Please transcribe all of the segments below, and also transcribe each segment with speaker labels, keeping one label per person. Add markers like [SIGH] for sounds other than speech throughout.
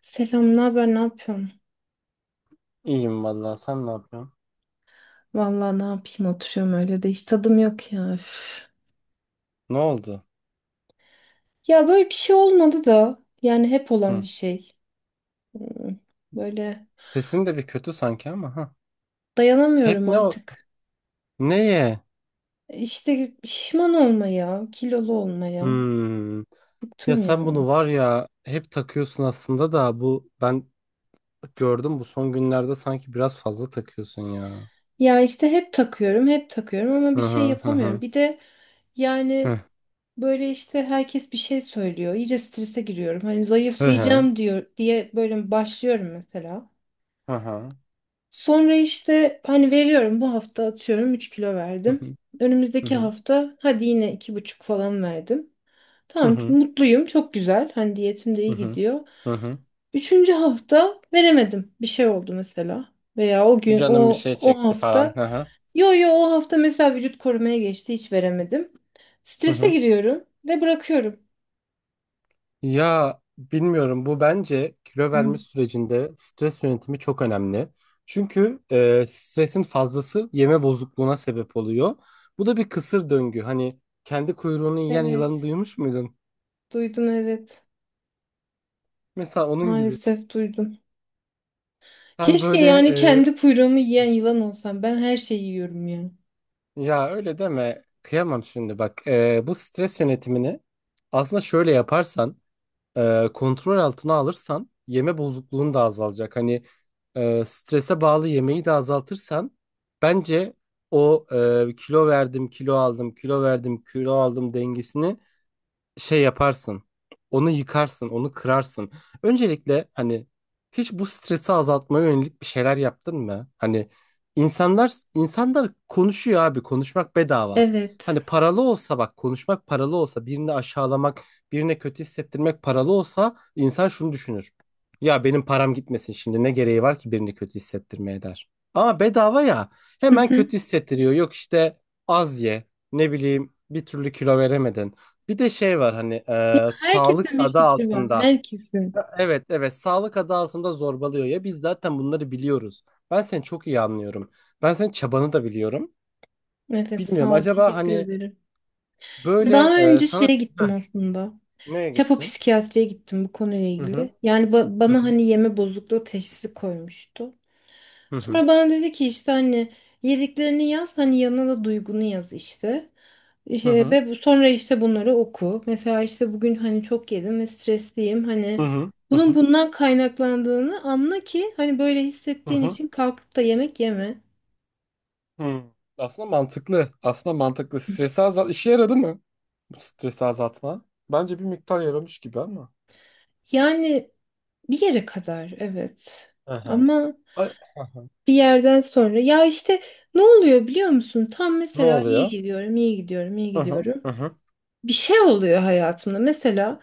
Speaker 1: Selam, ne haber, ne yapıyorsun?
Speaker 2: İyiyim vallahi, sen ne yapıyorsun?
Speaker 1: Vallahi ne yapayım oturuyorum öyle de hiç tadım yok ya. Üf.
Speaker 2: Ne oldu?
Speaker 1: Ya böyle bir şey olmadı da yani hep olan
Speaker 2: Hı.
Speaker 1: bir şey. Hmm, Böyle
Speaker 2: Sesin de bir kötü sanki ama, ha. Hep
Speaker 1: dayanamıyorum
Speaker 2: ne o
Speaker 1: artık.
Speaker 2: neye?
Speaker 1: İşte şişman olmaya, kilolu olmaya
Speaker 2: Hmm. Ya
Speaker 1: bıktım
Speaker 2: sen
Speaker 1: ya.
Speaker 2: bunu var ya hep takıyorsun aslında da, bu ben gördüm bu son günlerde sanki biraz fazla takıyorsun ya.
Speaker 1: Ya işte hep takıyorum, hep takıyorum ama bir
Speaker 2: Hı
Speaker 1: şey
Speaker 2: hı hı
Speaker 1: yapamıyorum.
Speaker 2: hı.
Speaker 1: Bir de yani
Speaker 2: Hı
Speaker 1: böyle işte herkes bir şey söylüyor. İyice strese giriyorum. Hani
Speaker 2: hı hı.
Speaker 1: zayıflayacağım diyor diye böyle başlıyorum mesela.
Speaker 2: Hı hı.
Speaker 1: Sonra işte hani veriyorum bu hafta atıyorum 3 kilo
Speaker 2: Hı
Speaker 1: verdim.
Speaker 2: hı. Hı
Speaker 1: Önümüzdeki
Speaker 2: hı.
Speaker 1: hafta hadi yine 2,5 falan verdim. Tamam mutluyum çok güzel hani diyetim de
Speaker 2: Hı
Speaker 1: iyi
Speaker 2: hı.
Speaker 1: gidiyor.
Speaker 2: Hı hı.
Speaker 1: Üçüncü hafta veremedim bir şey oldu mesela. Veya o gün
Speaker 2: Canım bir
Speaker 1: o
Speaker 2: şey
Speaker 1: o
Speaker 2: çekti falan.
Speaker 1: hafta
Speaker 2: Hı hı.
Speaker 1: yo yo o hafta mesela vücut korumaya geçti hiç veremedim.
Speaker 2: Hı
Speaker 1: Strese
Speaker 2: hı.
Speaker 1: giriyorum ve bırakıyorum.
Speaker 2: Ya bilmiyorum, bu bence kilo verme
Speaker 1: Hmm.
Speaker 2: sürecinde stres yönetimi çok önemli. Çünkü stresin fazlası yeme bozukluğuna sebep oluyor. Bu da bir kısır döngü. Hani kendi kuyruğunu yiyen yılanı
Speaker 1: Evet
Speaker 2: duymuş muydun?
Speaker 1: duydum evet
Speaker 2: Mesela onun gibi.
Speaker 1: maalesef duydum.
Speaker 2: Sen
Speaker 1: Keşke
Speaker 2: böyle
Speaker 1: yani
Speaker 2: e,
Speaker 1: kendi kuyruğumu yiyen yılan olsam. Ben her şeyi yiyorum ya.
Speaker 2: Ya öyle deme, kıyamam şimdi. Bak, e, bu stres yönetimini aslında şöyle yaparsan, kontrol altına alırsan yeme bozukluğun da azalacak. Hani strese bağlı yemeği de azaltırsan, bence o kilo verdim, kilo aldım, kilo verdim, kilo aldım dengesini şey yaparsın. Onu yıkarsın, onu kırarsın. Öncelikle hani hiç bu stresi azaltmaya yönelik bir şeyler yaptın mı? Hani insanlar insanlar konuşuyor abi, konuşmak bedava. Hani
Speaker 1: Evet.
Speaker 2: paralı olsa, bak, konuşmak paralı olsa, birini aşağılamak, birine kötü hissettirmek paralı olsa insan şunu düşünür: ya benim param gitmesin şimdi, ne gereği var ki birini kötü hissettirmeye, der. Ama bedava ya,
Speaker 1: Hı
Speaker 2: hemen
Speaker 1: hı.
Speaker 2: kötü hissettiriyor. Yok işte az ye, ne bileyim, bir türlü kilo veremedin. Bir de şey var hani, sağlık
Speaker 1: Herkesin bir
Speaker 2: adı
Speaker 1: fikri var.
Speaker 2: altında.
Speaker 1: Herkesin.
Speaker 2: Ha, evet, evet, sağlık adı altında zorbalıyor ya, biz zaten bunları biliyoruz. Ben seni çok iyi anlıyorum. Ben senin çabanı da biliyorum.
Speaker 1: Evet
Speaker 2: Bilmiyorum
Speaker 1: sağ ol.
Speaker 2: acaba
Speaker 1: Teşekkür
Speaker 2: hani
Speaker 1: ederim.
Speaker 2: böyle
Speaker 1: Daha
Speaker 2: e,
Speaker 1: önce
Speaker 2: sana
Speaker 1: şeye
Speaker 2: Heh,
Speaker 1: gittim aslında.
Speaker 2: neye
Speaker 1: Çapa
Speaker 2: gittin?
Speaker 1: psikiyatriye gittim bu konuyla
Speaker 2: Hı hı
Speaker 1: ilgili. Yani
Speaker 2: hı
Speaker 1: bana
Speaker 2: hı
Speaker 1: hani yeme bozukluğu teşhisi koymuştu.
Speaker 2: hı
Speaker 1: Sonra bana dedi ki işte hani yediklerini yaz hani yanına da duygunu yaz işte.
Speaker 2: hı
Speaker 1: İşte
Speaker 2: hı
Speaker 1: ve sonra işte bunları oku. Mesela işte bugün hani çok yedim ve stresliyim.
Speaker 2: hı
Speaker 1: Hani
Speaker 2: hı hı
Speaker 1: bunun
Speaker 2: hı
Speaker 1: bundan kaynaklandığını anla ki hani böyle
Speaker 2: hı hı,
Speaker 1: hissettiğin
Speaker 2: hı.
Speaker 1: için kalkıp da yemek yeme.
Speaker 2: Hı. Aslında mantıklı. Aslında mantıklı. Stresi azalt. İşe yaradı mı? Bu stresi azaltma. Bence bir miktar yaramış gibi ama.
Speaker 1: Yani bir yere kadar evet.
Speaker 2: Hı hı.
Speaker 1: Ama
Speaker 2: Ay, aha.
Speaker 1: bir yerden sonra ya işte ne oluyor biliyor musun? Tam
Speaker 2: Ne
Speaker 1: mesela iyi
Speaker 2: oluyor?
Speaker 1: gidiyorum, iyi gidiyorum, iyi
Speaker 2: Hı hı.
Speaker 1: gidiyorum.
Speaker 2: Hı hı.
Speaker 1: Bir şey oluyor hayatımda. Mesela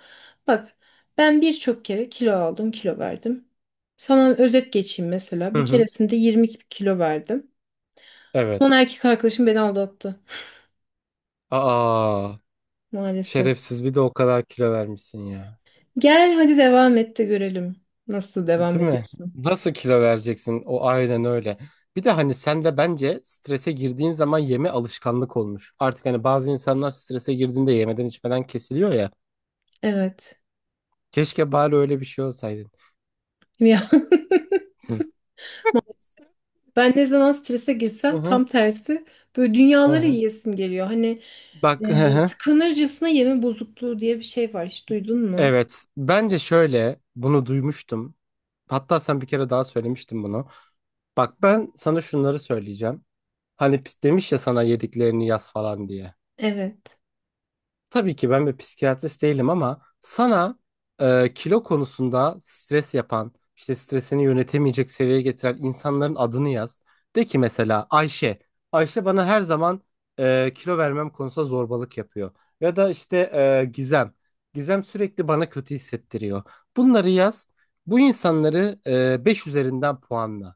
Speaker 1: bak ben birçok kere kilo aldım, kilo verdim. Sana özet geçeyim mesela.
Speaker 2: Hı
Speaker 1: Bir
Speaker 2: hı.
Speaker 1: keresinde 20 kilo verdim. Son
Speaker 2: Evet.
Speaker 1: erkek arkadaşım beni aldattı
Speaker 2: Aa,
Speaker 1: maalesef.
Speaker 2: şerefsiz, bir de o kadar kilo vermişsin ya.
Speaker 1: Gel hadi devam et de görelim. Nasıl devam
Speaker 2: Değil mi?
Speaker 1: ediyorsun?
Speaker 2: Nasıl kilo vereceksin? O aynen öyle. Bir de hani sen de bence strese girdiğin zaman yeme alışkanlık olmuş. Artık hani bazı insanlar strese girdiğinde yemeden içmeden kesiliyor ya.
Speaker 1: Evet.
Speaker 2: Keşke bari öyle bir şey olsaydın.
Speaker 1: Ya [LAUGHS] ben ne zaman strese
Speaker 2: Hı
Speaker 1: girsem
Speaker 2: hı.
Speaker 1: tam tersi böyle
Speaker 2: Hı
Speaker 1: dünyaları
Speaker 2: hı.
Speaker 1: yiyesim geliyor. Hani
Speaker 2: Bak, hı hı.
Speaker 1: tıkanırcasına yeme bozukluğu diye bir şey var. Hiç duydun mu?
Speaker 2: Evet. Bence şöyle, bunu duymuştum. Hatta sen bir kere daha söylemiştin bunu. Bak, ben sana şunları söyleyeceğim. Hani demiş ya sana yediklerini yaz falan diye.
Speaker 1: Evet.
Speaker 2: Tabii ki ben bir psikiyatrist değilim ama sana kilo konusunda stres yapan, işte stresini yönetemeyecek seviyeye getiren insanların adını yaz. De ki mesela Ayşe. Ayşe bana her zaman kilo vermem konusunda zorbalık yapıyor. Ya da işte Gizem. Gizem sürekli bana kötü hissettiriyor. Bunları yaz. Bu insanları 5 üzerinden puanla.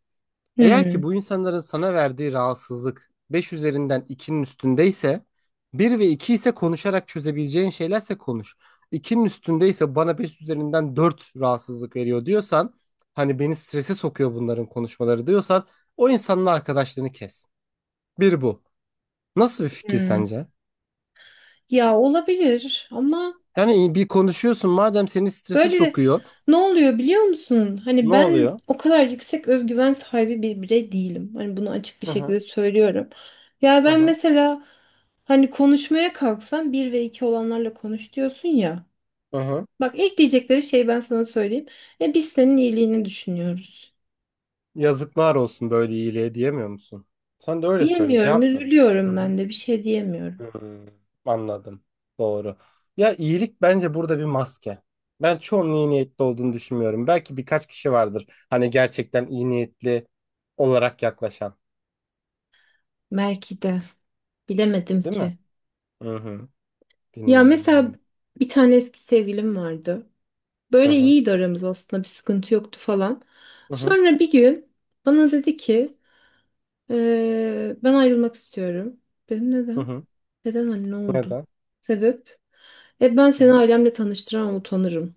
Speaker 2: Eğer ki
Speaker 1: Hmm.
Speaker 2: bu insanların sana verdiği rahatsızlık 5 üzerinden 2'nin üstündeyse, bir ve 2 ise konuşarak çözebileceğin şeylerse, konuş. 2'nin üstündeyse, bana 5 üzerinden 4 rahatsızlık veriyor diyorsan, hani beni strese sokuyor bunların konuşmaları diyorsan, o insanın arkadaşlığını kes. Bir bu. Nasıl bir fikir
Speaker 1: Hmm.
Speaker 2: sence?
Speaker 1: Ya olabilir ama
Speaker 2: Yani bir konuşuyorsun, madem seni strese
Speaker 1: böyle
Speaker 2: sokuyor.
Speaker 1: ne oluyor biliyor musun? Hani
Speaker 2: Ne
Speaker 1: ben
Speaker 2: oluyor?
Speaker 1: o kadar yüksek özgüven sahibi bir birey değilim. Hani bunu açık bir
Speaker 2: Hı
Speaker 1: şekilde
Speaker 2: hı
Speaker 1: söylüyorum. Ya
Speaker 2: hı
Speaker 1: ben
Speaker 2: hı.
Speaker 1: mesela hani konuşmaya kalksam bir ve iki olanlarla konuş diyorsun ya.
Speaker 2: Hı hı.
Speaker 1: Bak ilk diyecekleri şey ben sana söyleyeyim. E biz senin iyiliğini düşünüyoruz.
Speaker 2: Yazıklar olsun böyle iyiliğe, diyemiyor musun? Sen de öyle söyle,
Speaker 1: Diyemiyorum,
Speaker 2: cevap ver. Hı
Speaker 1: üzülüyorum
Speaker 2: hı.
Speaker 1: ben de bir şey diyemiyorum.
Speaker 2: Hmm, anladım. Doğru. Ya, iyilik bence burada bir maske. Ben çoğunun iyi niyetli olduğunu düşünmüyorum. Belki birkaç kişi vardır, hani gerçekten iyi niyetli olarak yaklaşan.
Speaker 1: Belki de bilemedim
Speaker 2: Değil mi?
Speaker 1: ki.
Speaker 2: Hı hı.
Speaker 1: Ya
Speaker 2: Bilmiyorum
Speaker 1: mesela
Speaker 2: ben.
Speaker 1: bir tane eski sevgilim vardı.
Speaker 2: Hı
Speaker 1: Böyle
Speaker 2: hı.
Speaker 1: iyiydi aramız aslında bir sıkıntı yoktu falan.
Speaker 2: Hı hı.
Speaker 1: Sonra bir gün bana dedi ki Ben ayrılmak istiyorum. Dedim
Speaker 2: Hı
Speaker 1: neden?
Speaker 2: hı.
Speaker 1: Neden anne ne oldu?
Speaker 2: Neden?
Speaker 1: Sebep? E ben
Speaker 2: Hı
Speaker 1: seni
Speaker 2: hı.
Speaker 1: ailemle tanıştıramam utanırım.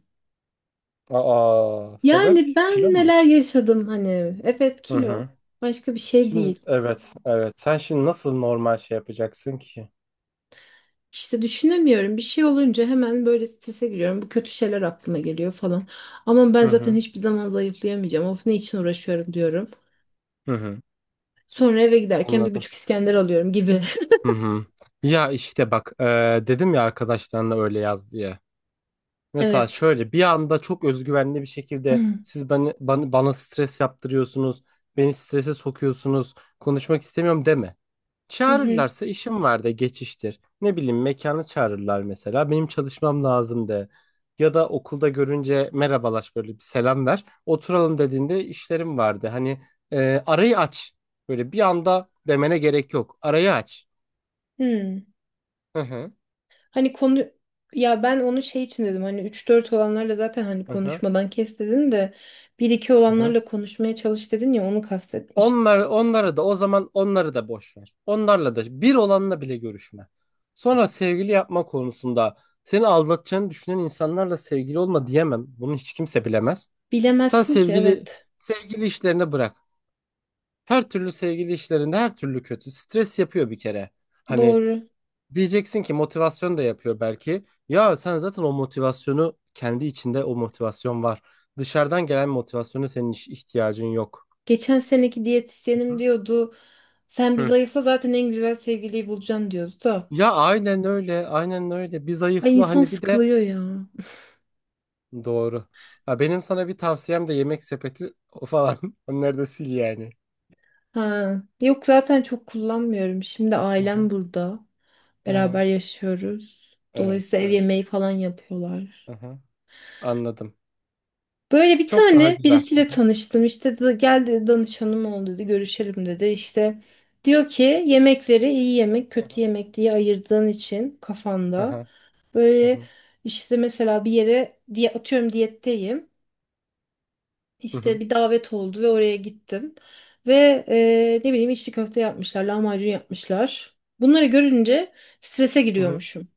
Speaker 2: Aa, sebep
Speaker 1: Yani ben
Speaker 2: kilo mu?
Speaker 1: neler yaşadım hani. Evet
Speaker 2: Hı
Speaker 1: kilo
Speaker 2: hı.
Speaker 1: başka bir şey
Speaker 2: Şimdi
Speaker 1: değil.
Speaker 2: evet, evet. Sen şimdi nasıl normal şey yapacaksın ki?
Speaker 1: İşte düşünemiyorum. Bir şey olunca hemen böyle strese giriyorum. Bu kötü şeyler aklıma geliyor falan. Ama ben
Speaker 2: Hı
Speaker 1: zaten
Speaker 2: hı.
Speaker 1: hiçbir zaman zayıflayamayacağım. Of ne için uğraşıyorum diyorum.
Speaker 2: Hı hı.
Speaker 1: Sonra eve giderken bir
Speaker 2: Anladım.
Speaker 1: buçuk İskender alıyorum gibi.
Speaker 2: Hı hı. Ya işte bak, dedim ya arkadaşlarına öyle yaz diye. Mesela
Speaker 1: Evet.
Speaker 2: şöyle bir anda çok özgüvenli bir şekilde,
Speaker 1: Hmm.
Speaker 2: siz bana stres yaptırıyorsunuz, beni strese sokuyorsunuz, konuşmak istemiyorum, deme.
Speaker 1: Hı hı.
Speaker 2: Çağırırlarsa işim var de, geçiştir. Ne bileyim, mekanı çağırırlar mesela, benim çalışmam lazım de. Ya da okulda görünce merhabalaş, böyle bir selam ver. Oturalım dediğinde işlerim vardı. Hani arayı aç. Böyle bir anda demene gerek yok. Arayı aç.
Speaker 1: Hmm.
Speaker 2: Hı hı.
Speaker 1: Hani konu ya ben onu şey için dedim hani üç dört olanlarla zaten hani
Speaker 2: Hı hı.
Speaker 1: konuşmadan kes dedin de bir iki
Speaker 2: Hı hı.
Speaker 1: olanlarla konuşmaya çalış dedin ya onu kastetmiş.
Speaker 2: Onları da o zaman, onları da boş ver. Onlarla da, bir olanla bile görüşme. Sonra sevgili yapma konusunda, seni aldatacağını düşünen insanlarla sevgili olma, diyemem. Bunu hiç kimse bilemez. Sen
Speaker 1: Bilemezsin ki
Speaker 2: sevgili
Speaker 1: evet
Speaker 2: sevgili işlerini bırak. Her türlü sevgili işlerinde her türlü kötü. Stres yapıyor bir kere. Hani
Speaker 1: doğru.
Speaker 2: diyeceksin ki motivasyon da yapıyor belki. Ya sen zaten o motivasyonu kendi içinde, o motivasyon var. Dışarıdan gelen motivasyona senin ihtiyacın yok.
Speaker 1: Geçen seneki diyetisyenim diyordu sen bir
Speaker 2: Hı.
Speaker 1: zayıfla zaten en güzel sevgiliyi bulacaksın diyordu da.
Speaker 2: Ya aynen öyle, aynen öyle. Bir
Speaker 1: Ay
Speaker 2: zayıfla,
Speaker 1: insan
Speaker 2: hani bir de
Speaker 1: sıkılıyor ya.
Speaker 2: doğru. Ha, benim sana bir tavsiyem de, yemek sepeti o falan. [LAUGHS] Onları da sil yani.
Speaker 1: Ha. Yok zaten çok kullanmıyorum. Şimdi
Speaker 2: Hı hı,
Speaker 1: ailem burada.
Speaker 2: hı hı.
Speaker 1: Beraber yaşıyoruz.
Speaker 2: Evet,
Speaker 1: Dolayısıyla ev
Speaker 2: evet.
Speaker 1: yemeği falan yapıyorlar.
Speaker 2: Hı hı. Anladım.
Speaker 1: Böyle bir
Speaker 2: Çok daha
Speaker 1: tane
Speaker 2: güzel.
Speaker 1: birisiyle tanıştım. İşte geldi danışanım oldu dedi. Görüşelim dedi. İşte diyor ki yemekleri iyi yemek,
Speaker 2: Hı
Speaker 1: kötü
Speaker 2: hı,
Speaker 1: yemek diye ayırdığın için
Speaker 2: hı
Speaker 1: kafanda
Speaker 2: hı, hı
Speaker 1: böyle
Speaker 2: hı,
Speaker 1: işte mesela bir yere diye atıyorum diyetteyim.
Speaker 2: hı hı,
Speaker 1: İşte bir davet oldu ve oraya gittim. Ve ne bileyim içli köfte yapmışlar, lahmacun yapmışlar. Bunları görünce strese
Speaker 2: hı hı.
Speaker 1: giriyormuşum.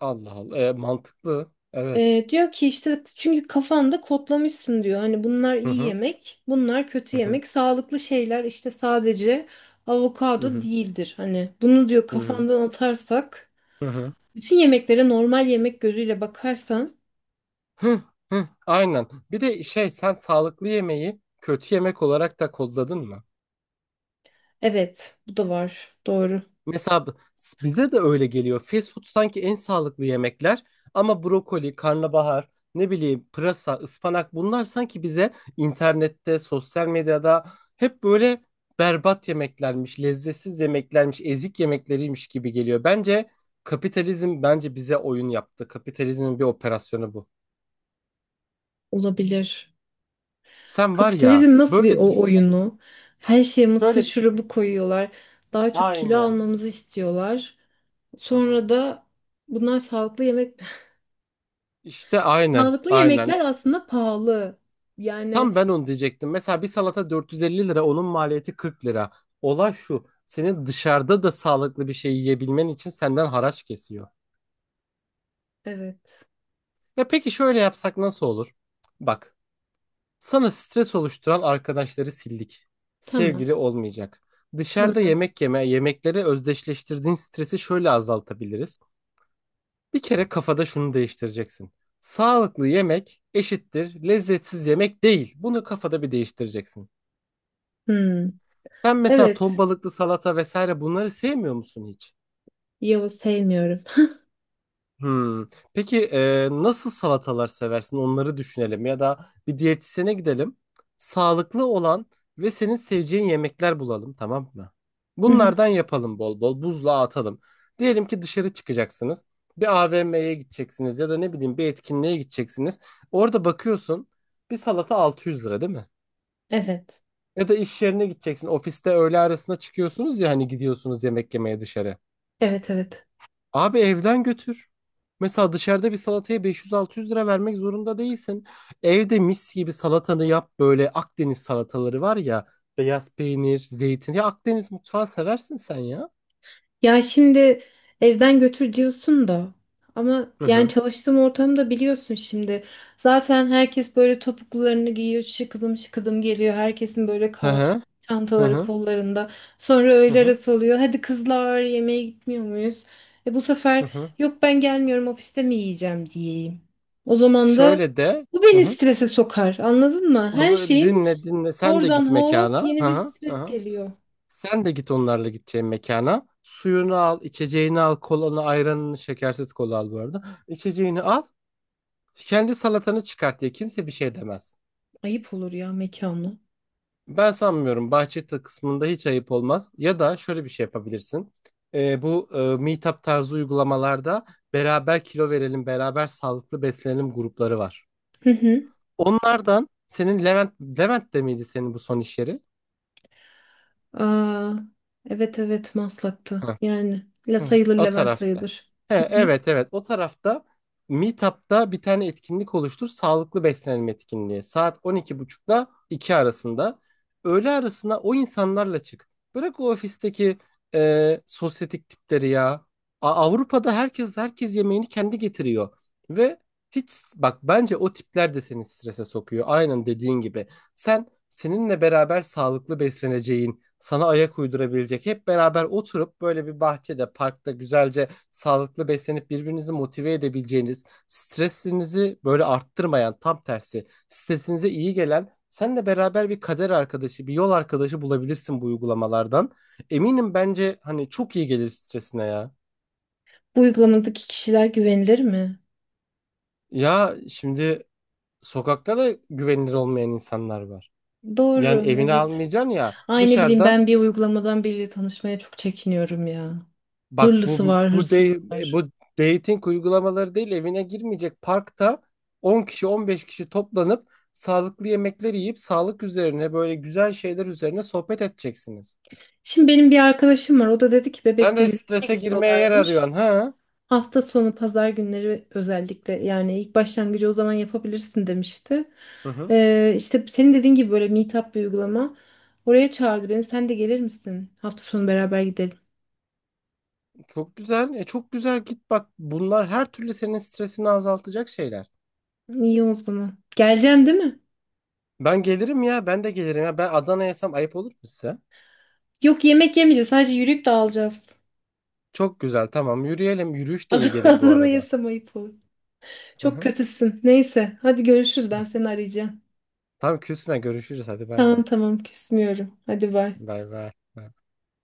Speaker 2: Allah Allah. E, mantıklı. Evet.
Speaker 1: Diyor ki işte çünkü kafanda kodlamışsın diyor. Hani bunlar
Speaker 2: Hı
Speaker 1: iyi
Speaker 2: hı,
Speaker 1: yemek, bunlar kötü
Speaker 2: hı hı,
Speaker 1: yemek. Sağlıklı şeyler işte sadece
Speaker 2: hı
Speaker 1: avokado
Speaker 2: hı,
Speaker 1: değildir. Hani bunu diyor
Speaker 2: hı hı,
Speaker 1: kafandan atarsak,
Speaker 2: hı hı.
Speaker 1: bütün yemeklere normal yemek gözüyle bakarsan,
Speaker 2: Hı, hı. Aynen. Bir de şey, sen sağlıklı yemeği kötü yemek olarak da kodladın mı?
Speaker 1: evet, bu da var. Doğru.
Speaker 2: Mesela bize de öyle geliyor. Fast food sanki en sağlıklı yemekler ama brokoli, karnabahar, ne bileyim pırasa, ıspanak, bunlar sanki bize internette, sosyal medyada hep böyle berbat yemeklermiş, lezzetsiz yemeklermiş, ezik yemekleriymiş gibi geliyor. Bence kapitalizm, bence bize oyun yaptı. Kapitalizmin bir operasyonu bu.
Speaker 1: Olabilir.
Speaker 2: Sen var ya
Speaker 1: Kapitalizm nasıl bir
Speaker 2: böyle
Speaker 1: o
Speaker 2: düşün.
Speaker 1: oyunu? Her şeye mısır
Speaker 2: Şöyle bir
Speaker 1: şurubu koyuyorlar. Daha çok kilo
Speaker 2: aynen.
Speaker 1: almamızı istiyorlar.
Speaker 2: Hı
Speaker 1: Sonra
Speaker 2: hı.
Speaker 1: da bunlar sağlıklı yemek.
Speaker 2: İşte aynen,
Speaker 1: Sağlıklı
Speaker 2: aynen.
Speaker 1: yemekler aslında pahalı. Yani
Speaker 2: Tam ben onu diyecektim. Mesela bir salata 450 lira, onun maliyeti 40 lira. Olay şu, senin dışarıda da sağlıklı bir şey yiyebilmen için senden haraç kesiyor.
Speaker 1: evet.
Speaker 2: Ya peki şöyle yapsak nasıl olur? Bak, sana stres oluşturan arkadaşları sildik.
Speaker 1: Tamam.
Speaker 2: Sevgili olmayacak. Dışarıda
Speaker 1: Tamam.
Speaker 2: yemek yeme, yemekleri özdeşleştirdiğin stresi şöyle azaltabiliriz. Bir kere kafada şunu değiştireceksin: sağlıklı yemek eşittir lezzetsiz yemek, değil. Bunu kafada bir değiştireceksin.
Speaker 1: Hmm.
Speaker 2: Sen mesela ton
Speaker 1: Evet.
Speaker 2: balıklı salata vesaire, bunları sevmiyor musun hiç?
Speaker 1: Yavuz sevmiyorum.
Speaker 2: Hmm. Peki nasıl salatalar seversin? Onları düşünelim ya da bir diyetisyene gidelim. Sağlıklı olan ve senin seveceğin yemekler bulalım, tamam mı?
Speaker 1: [LAUGHS] Hı hı.
Speaker 2: Bunlardan yapalım bol bol. Buzluğa atalım. Diyelim ki dışarı çıkacaksınız. Bir AVM'ye gideceksiniz ya da ne bileyim bir etkinliğe gideceksiniz. Orada bakıyorsun, bir salata 600 lira, değil mi?
Speaker 1: Evet.
Speaker 2: Ya da iş yerine gideceksin. Ofiste öğle arasına çıkıyorsunuz ya, hani gidiyorsunuz yemek yemeye dışarı.
Speaker 1: Evet evet.
Speaker 2: Abi, evden götür. Mesela dışarıda bir salataya 500-600 lira vermek zorunda değilsin. Evde mis gibi salatanı yap, böyle Akdeniz salataları var ya. Beyaz peynir, zeytin. Ya Akdeniz mutfağı seversin sen ya.
Speaker 1: Ya şimdi evden götür diyorsun da ama
Speaker 2: Hı
Speaker 1: yani
Speaker 2: hı.
Speaker 1: çalıştığım ortamda biliyorsun şimdi zaten herkes böyle topuklularını giyiyor şıkıdım şıkıdım geliyor herkesin böyle
Speaker 2: Hı
Speaker 1: kal
Speaker 2: hı. Hı
Speaker 1: çantaları
Speaker 2: hı.
Speaker 1: kollarında sonra
Speaker 2: Hı
Speaker 1: öğle
Speaker 2: hı.
Speaker 1: arası oluyor hadi kızlar yemeğe gitmiyor muyuz? E bu
Speaker 2: Hı
Speaker 1: sefer
Speaker 2: hı.
Speaker 1: yok ben gelmiyorum ofiste mi yiyeceğim diyeyim. O zaman da
Speaker 2: Şöyle de.
Speaker 1: bu
Speaker 2: Hı
Speaker 1: beni
Speaker 2: hı.
Speaker 1: strese sokar anladın mı?
Speaker 2: O
Speaker 1: Her
Speaker 2: zaman bir
Speaker 1: şeyin
Speaker 2: dinle dinle. Sen de git
Speaker 1: oradan hop
Speaker 2: mekana. Hı
Speaker 1: yeni bir
Speaker 2: hı. Hı
Speaker 1: stres
Speaker 2: hı.
Speaker 1: geliyor.
Speaker 2: Sen de git onlarla gideceğin mekana. Suyunu al, içeceğini al, kolanı, ayranını, şekersiz kola al bu arada. İçeceğini al. Kendi salatanı çıkart diye kimse bir şey demez.
Speaker 1: Ayıp olur ya mekanla.
Speaker 2: Ben sanmıyorum, bahçe kısmında hiç ayıp olmaz. Ya da şöyle bir şey yapabilirsin. Bu Meetup tarzı uygulamalarda beraber kilo verelim, beraber sağlıklı beslenelim grupları var.
Speaker 1: Hı hı.
Speaker 2: Onlardan senin Levent, Levent de miydi senin bu son iş yeri?
Speaker 1: Aa, evet evet Maslak'ta.
Speaker 2: Hı.
Speaker 1: Yani la
Speaker 2: Hı,
Speaker 1: sayılır
Speaker 2: o
Speaker 1: Levent
Speaker 2: tarafta.
Speaker 1: sayılır.
Speaker 2: He,
Speaker 1: Hı hı.
Speaker 2: evet evet, o tarafta Meetup'ta bir tane etkinlik oluştur. Sağlıklı beslenme etkinliği. Saat on iki buçukla 2 arasında. Öğle arasında o insanlarla çık. Bırak o ofisteki sosyetik tipleri ya. Avrupa'da herkes herkes yemeğini kendi getiriyor. Ve hiç, bak, bence o tipler de seni strese sokuyor. Aynen dediğin gibi. Sen seninle beraber sağlıklı besleneceğin, sana ayak uydurabilecek, hep beraber oturup böyle bir bahçede, parkta güzelce sağlıklı beslenip birbirinizi motive edebileceğiniz, stresinizi böyle arttırmayan, tam tersi, stresinize iyi gelen, seninle beraber bir kader arkadaşı, bir yol arkadaşı bulabilirsin bu uygulamalardan. Eminim bence hani çok iyi gelir stresine ya.
Speaker 1: Bu uygulamadaki kişiler güvenilir mi?
Speaker 2: Ya şimdi, sokakta da güvenilir olmayan insanlar var. Yani
Speaker 1: Doğru,
Speaker 2: evine
Speaker 1: evet.
Speaker 2: almayacaksın ya,
Speaker 1: Ay ne bileyim
Speaker 2: dışarıda.
Speaker 1: ben bir uygulamadan biriyle tanışmaya çok çekiniyorum ya.
Speaker 2: Bak
Speaker 1: Hırlısı
Speaker 2: bu
Speaker 1: var,
Speaker 2: bu
Speaker 1: hırsızı
Speaker 2: de,
Speaker 1: var.
Speaker 2: Bu dating uygulamaları değil, evine girmeyecek, parkta 10 kişi 15 kişi toplanıp sağlıklı yemekler yiyip sağlık üzerine, böyle güzel şeyler üzerine sohbet edeceksiniz.
Speaker 1: Şimdi benim bir arkadaşım var. O da dedi ki
Speaker 2: Sen
Speaker 1: Bebek'te
Speaker 2: de
Speaker 1: yürüyüşe
Speaker 2: strese girmeye yer
Speaker 1: gidiyorlarmış.
Speaker 2: arıyorsun ha?
Speaker 1: Hafta sonu pazar günleri özellikle yani ilk başlangıcı o zaman yapabilirsin demişti.
Speaker 2: Hı hı.
Speaker 1: İşte senin dediğin gibi böyle meetup bir uygulama. Oraya çağırdı beni. Sen de gelir misin? Hafta sonu beraber gidelim.
Speaker 2: Çok güzel. E çok güzel, git bak. Bunlar her türlü senin stresini azaltacak şeyler.
Speaker 1: İyi o zaman. Geleceksin değil mi?
Speaker 2: Ben gelirim ya. Ben de gelirim ya. Ben Adana'yaysam ayıp olur mu size?
Speaker 1: Yok yemek yemeyeceğiz. Sadece yürüyüp dağılacağız.
Speaker 2: Çok güzel. Tamam, yürüyelim. Yürüyüş de iyi
Speaker 1: [LAUGHS]
Speaker 2: gelir bu
Speaker 1: Adını
Speaker 2: arada.
Speaker 1: yesem ayıp olur.
Speaker 2: Hı
Speaker 1: Çok
Speaker 2: hı.
Speaker 1: kötüsün. Neyse. Hadi görüşürüz. Ben seni arayacağım.
Speaker 2: Tamam, küsme, görüşürüz. Hadi, bay bay.
Speaker 1: Tamam tamam küsmüyorum. Hadi bay.
Speaker 2: Bay bay.